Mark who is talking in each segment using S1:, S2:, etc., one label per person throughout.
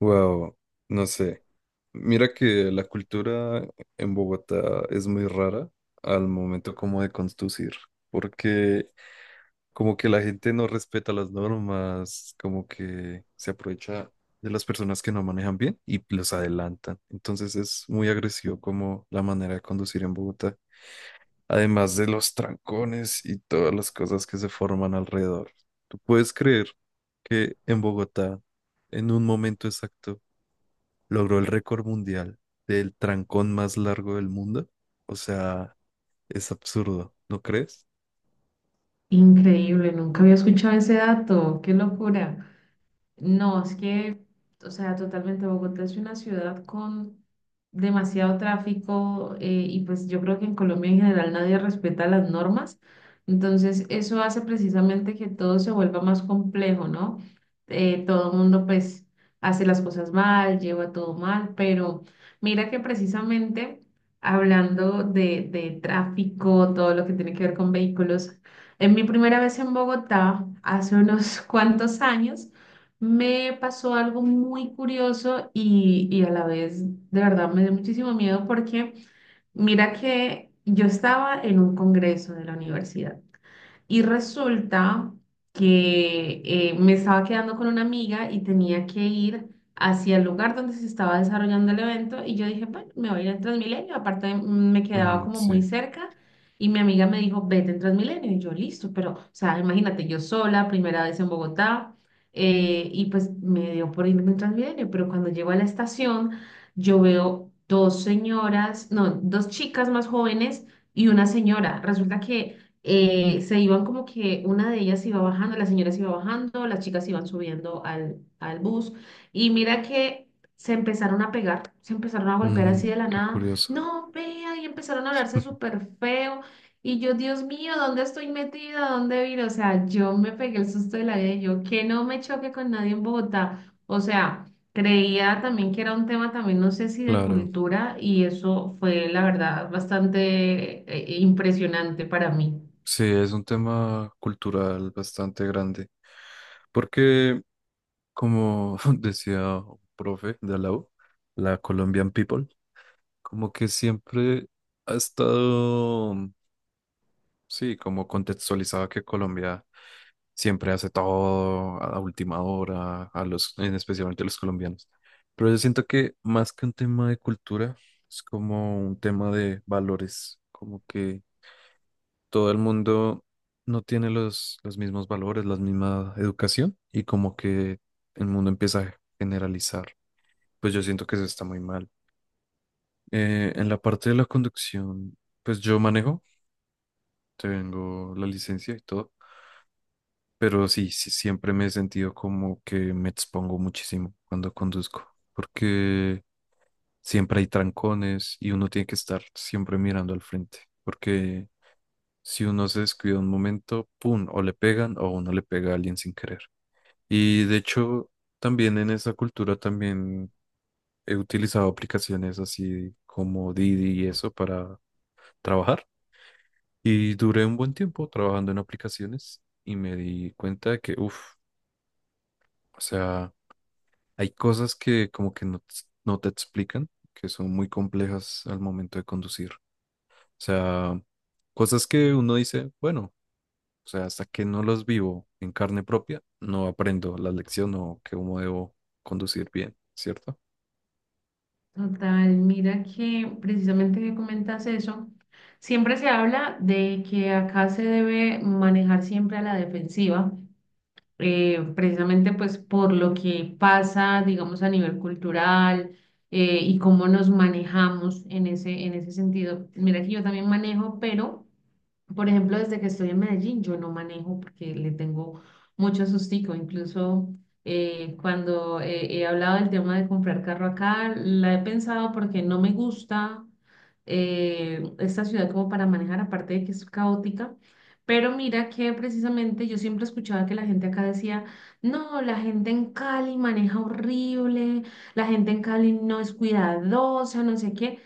S1: Wow, no sé. Mira que la cultura en Bogotá es muy rara al momento como de conducir, porque como que la gente no respeta las normas, como que se aprovecha de las personas que no manejan bien y los adelantan. Entonces es muy agresivo como la manera de conducir en Bogotá, además de los trancones y todas las cosas que se forman alrededor. ¿Tú puedes creer que en Bogotá, en un momento exacto, logró el récord mundial del trancón más largo del mundo? O sea, es absurdo, ¿no crees?
S2: Increíble, nunca había escuchado ese dato, qué locura. No, es que, o sea, totalmente Bogotá es una ciudad con demasiado tráfico y pues yo creo que en Colombia en general nadie respeta las normas. Entonces, eso hace precisamente que todo se vuelva más complejo, ¿no? Todo el mundo pues hace las cosas mal, lleva todo mal, pero mira que precisamente hablando de tráfico, todo lo que tiene que ver con vehículos, en mi primera vez en Bogotá, hace unos cuantos años, me pasó algo muy curioso y a la vez de verdad me dio muchísimo miedo porque mira que yo estaba en un congreso de la universidad. Y resulta que me estaba quedando con una amiga y tenía que ir hacia el lugar donde se estaba desarrollando el evento y yo dije, bueno, me voy a ir en Transmilenio, aparte me quedaba
S1: Mm,
S2: como muy
S1: sí.
S2: cerca y mi amiga me dijo, vete en Transmilenio y yo listo, pero, o sea, imagínate, yo sola, primera vez en Bogotá y pues me dio por irme en Transmilenio, pero cuando llego a la estación yo veo dos señoras, no, dos chicas más jóvenes y una señora. Resulta que se iban como que una de ellas iba bajando, la señora se iba bajando, las chicas iban subiendo al bus y mira que se empezaron a pegar, se empezaron a golpear
S1: Mm,
S2: así de la
S1: qué
S2: nada,
S1: curioso.
S2: no, vea, y empezaron a hablarse súper feo y yo, Dios mío, ¿dónde estoy metida? ¿Dónde vino? O sea, yo me pegué el susto de la vida, y yo que no me choque con nadie en Bogotá, o sea... Creía también que era un tema también, no sé si de
S1: Claro,
S2: cultura, y eso fue, la verdad, bastante impresionante para mí.
S1: sí, es un tema cultural bastante grande, porque como decía un profe de la U, la Colombian People, como que siempre ha estado. Sí, como contextualizaba que Colombia siempre hace todo a última hora, a los, en especialmente a los colombianos. Pero yo siento que más que un tema de cultura, es como un tema de valores, como que todo el mundo no tiene los mismos valores, la misma educación, y como que el mundo empieza a generalizar. Pues yo siento que eso está muy mal. En la parte de la conducción, pues yo manejo, tengo la licencia y todo. Pero sí, siempre me he sentido como que me expongo muchísimo cuando conduzco, porque siempre hay trancones y uno tiene que estar siempre mirando al frente, porque si uno se descuida un momento, ¡pum!, o le pegan o uno le pega a alguien sin querer. Y de hecho, también en esa cultura también he utilizado aplicaciones así como Didi y eso para trabajar. Y duré un buen tiempo trabajando en aplicaciones y me di cuenta de que, uff, o sea... Hay cosas que como que no, no te explican, que son muy complejas al momento de conducir. O sea, cosas que uno dice, bueno, o sea, hasta que no las vivo en carne propia, no aprendo la lección o que cómo debo conducir bien, ¿cierto?
S2: Total, mira que precisamente que comentas eso, siempre se habla de que acá se debe manejar siempre a la defensiva, precisamente pues por lo que pasa, digamos, a nivel cultural y cómo nos manejamos en ese sentido. Mira que yo también manejo, pero, por ejemplo, desde que estoy en Medellín, yo no manejo porque le tengo mucho sustico, incluso... cuando he hablado del tema de comprar carro acá, la he pensado porque no me gusta esta ciudad como para manejar, aparte de que es caótica, pero mira que precisamente yo siempre escuchaba que la gente acá decía, no, la gente en Cali maneja horrible, la gente en Cali no es cuidadosa, no sé qué.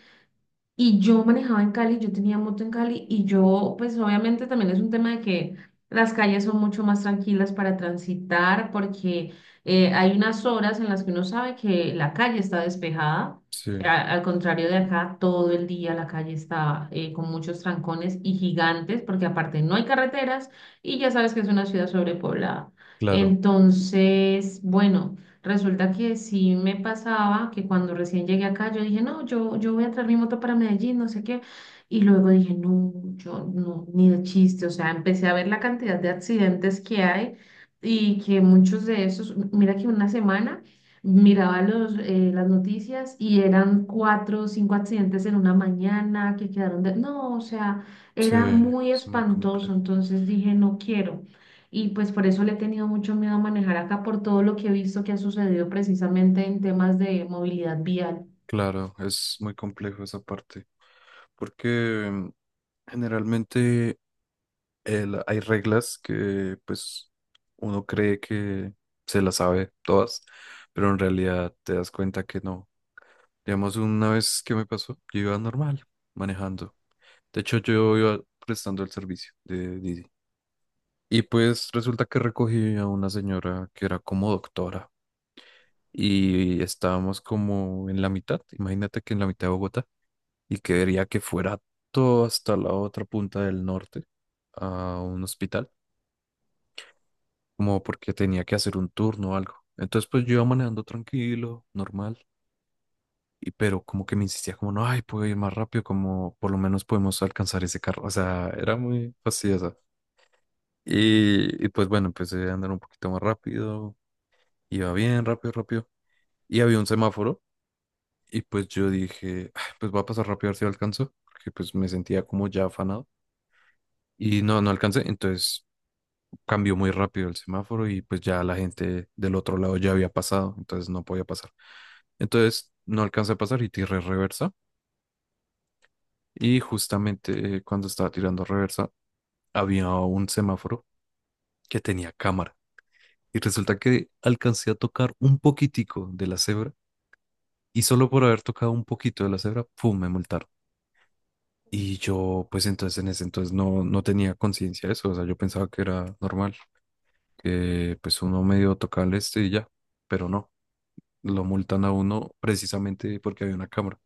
S2: Y yo manejaba en Cali, yo tenía moto en Cali y yo, pues obviamente también es un tema de que las calles son mucho más tranquilas para transitar porque hay unas horas en las que uno sabe que la calle está despejada. eh,
S1: Sí,
S2: a- Al contrario de acá, todo el día la calle está con muchos trancones y gigantes porque aparte no hay carreteras y ya sabes que es una ciudad sobrepoblada.
S1: claro,
S2: Entonces, bueno. Resulta que sí me pasaba que cuando recién llegué acá, yo dije, no, yo voy a traer mi moto para Medellín, no sé qué. Y luego dije, no, yo no, ni de chiste. O sea, empecé a ver la cantidad de accidentes que hay y que muchos de esos, mira que una semana miraba las noticias y eran cuatro o cinco accidentes en una mañana que quedaron de... No, o sea,
S1: sí,
S2: era muy
S1: es muy
S2: espantoso.
S1: complejo.
S2: Entonces dije, no quiero. Y pues por eso le he tenido mucho miedo a manejar acá por todo lo que he visto que ha sucedido precisamente en temas de movilidad vial.
S1: Claro, es muy complejo esa parte, porque generalmente hay reglas que pues uno cree que se las sabe todas, pero en realidad te das cuenta que no. Digamos, una vez que me pasó, yo iba normal, manejando. De hecho, yo iba prestando el servicio de Didi. Y pues resulta que recogí a una señora que era como doctora y estábamos como en la mitad, imagínate, que en la mitad de Bogotá, y quería que fuera todo hasta la otra punta del norte a un hospital como porque tenía que hacer un turno o algo. Entonces, pues yo iba manejando tranquilo, normal, pero como que me insistía como, no, ay, puedo ir más rápido, como por lo menos podemos alcanzar ese carro. O sea, era muy fastidiosa. Y pues bueno, empecé a andar un poquito más rápido, iba bien, rápido, rápido. Y había un semáforo, y pues yo dije: "Ah, pues voy a pasar rápido a ver si lo alcanzo", porque pues me sentía como ya afanado. Y no alcancé, entonces cambió muy rápido el semáforo y pues ya la gente del otro lado ya había pasado, entonces no podía pasar. Entonces no alcancé a pasar y tiré reversa. Y justamente cuando estaba tirando reversa había un semáforo que tenía cámara. Y resulta que alcancé a tocar un poquitico de la cebra, y solo por haber tocado un poquito de la cebra, ¡pum!, me multaron. Y yo, pues entonces en ese entonces no tenía conciencia de eso, o sea, yo pensaba que era normal, que pues uno medio tocaba el este y ya, pero no. Lo multan a uno precisamente porque había una cámara.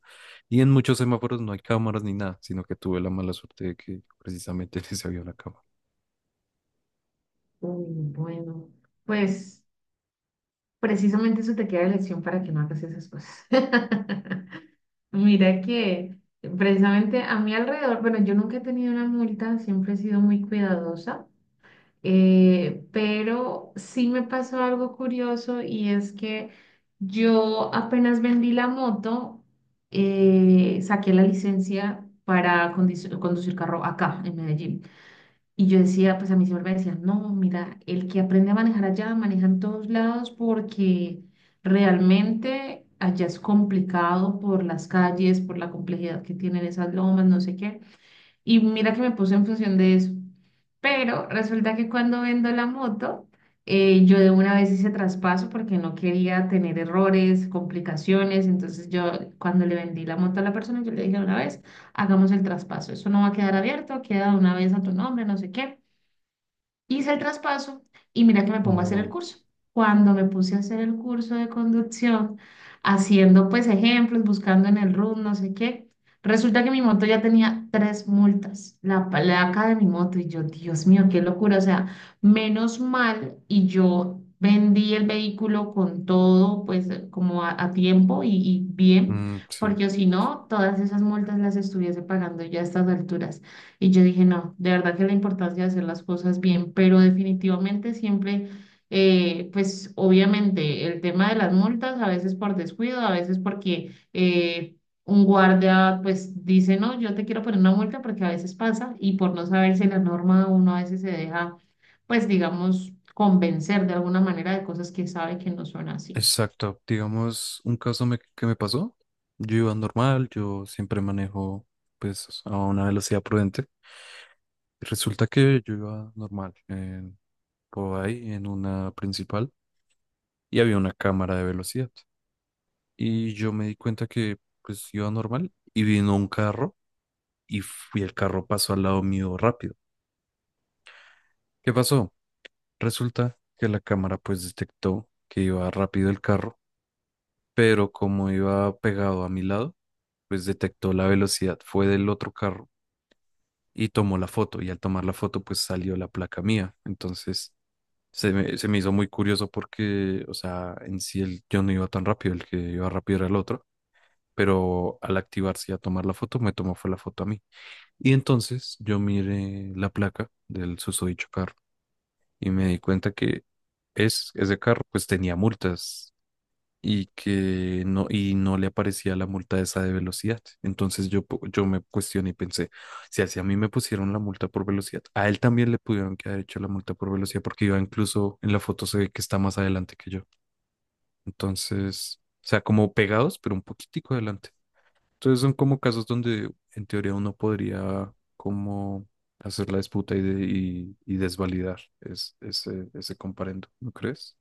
S1: Y en muchos semáforos no hay cámaras ni nada, sino que tuve la mala suerte de que precisamente en ese había una cámara.
S2: Uy, bueno, pues precisamente eso te queda de lección para que no hagas esas cosas. Mira que precisamente a mi alrededor, bueno, yo nunca he tenido una multa, siempre he sido muy cuidadosa. Pero sí me pasó algo curioso y es que yo apenas vendí la moto, saqué la licencia para conducir carro acá en Medellín. Y yo decía, pues a mí siempre me decían, no, mira, el que aprende a manejar allá, maneja en todos lados porque realmente allá es complicado por las calles, por la complejidad que tienen esas lomas, no sé qué. Y mira que me puse en función de eso. Pero resulta que cuando vendo la moto, yo de una vez hice traspaso porque no quería tener errores, complicaciones. Entonces yo cuando le vendí la moto a la persona, yo le dije de una vez, hagamos el traspaso. Eso no va a quedar abierto, queda de una vez a tu nombre, no sé qué. Hice el traspaso y mira que me pongo a hacer el
S1: Oh,
S2: curso. Cuando me puse a hacer el curso de conducción, haciendo pues ejemplos, buscando en el RUN, no sé qué, resulta que mi moto ya tenía tres multas, la placa de mi moto y yo, Dios mío, qué locura, o sea, menos mal y yo vendí el vehículo con todo pues como a tiempo y bien,
S1: mm, sí,
S2: porque si no, todas esas multas las estuviese pagando ya a estas alturas. Y yo dije, no, de verdad que la importancia de hacer las cosas bien, pero definitivamente siempre, pues obviamente el tema de las multas, a veces por descuido, a veces porque un guardia pues dice, no, yo te quiero poner una multa porque a veces pasa y por no saberse la norma uno a veces se deja, pues digamos, convencer de alguna manera de cosas que sabe que no son así.
S1: exacto. Digamos, un caso que me pasó. Yo iba normal, yo siempre manejo pues a una velocidad prudente. Resulta que yo iba normal por ahí en una principal, y había una cámara de velocidad. Y yo me di cuenta que pues iba normal y vino un carro y fui, el carro pasó al lado mío rápido. ¿Qué pasó? Resulta que la cámara pues detectó que iba rápido el carro, pero como iba pegado a mi lado, pues detectó la velocidad, fue del otro carro, y tomó la foto y al tomar la foto pues salió la placa mía. Entonces se me hizo muy curioso porque, o sea, en sí el, yo no iba tan rápido, el que iba rápido era el otro, pero al activarse y a tomar la foto me tomó fue la foto a mí. Y entonces yo miré la placa del susodicho carro y me di cuenta que ese carro pues tenía multas y que no le aparecía la multa esa de velocidad. Entonces yo, yo me cuestioné y pensé, si así a mí me pusieron la multa por velocidad, a él también le pudieron que haber hecho la multa por velocidad porque iba, incluso en la foto se ve que está más adelante que yo. Entonces, o sea, como pegados, pero un poquitico adelante. Entonces son como casos donde en teoría uno podría como hacer la disputa y, y desvalidar ese, ese comparendo, ¿no crees?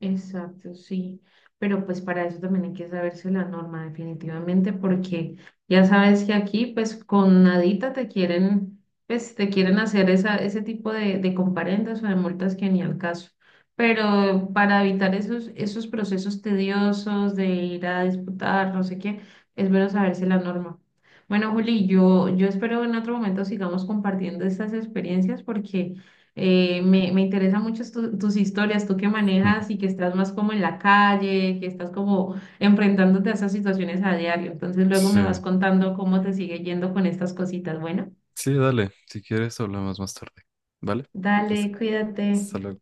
S2: Exacto, sí. Pero pues para eso también hay que saberse la norma definitivamente, porque ya sabes que aquí pues con nadita te quieren, pues te quieren hacer esa, ese tipo de comparendas o de multas que ni al caso. Pero para evitar esos, esos procesos tediosos de ir a disputar, no sé qué, es bueno saberse la norma. Bueno, Juli, yo espero en otro momento sigamos compartiendo estas experiencias porque... me interesa mucho tus historias, tú que
S1: Ujú.
S2: manejas y que estás más como en la calle, que estás como enfrentándote a esas situaciones a diario. Entonces luego me vas
S1: Sí,
S2: contando cómo te sigue yendo con estas cositas. Bueno,
S1: sí, dale, si quieres hablamos más tarde, ¿vale? Pues,
S2: dale, cuídate.
S1: hasta luego.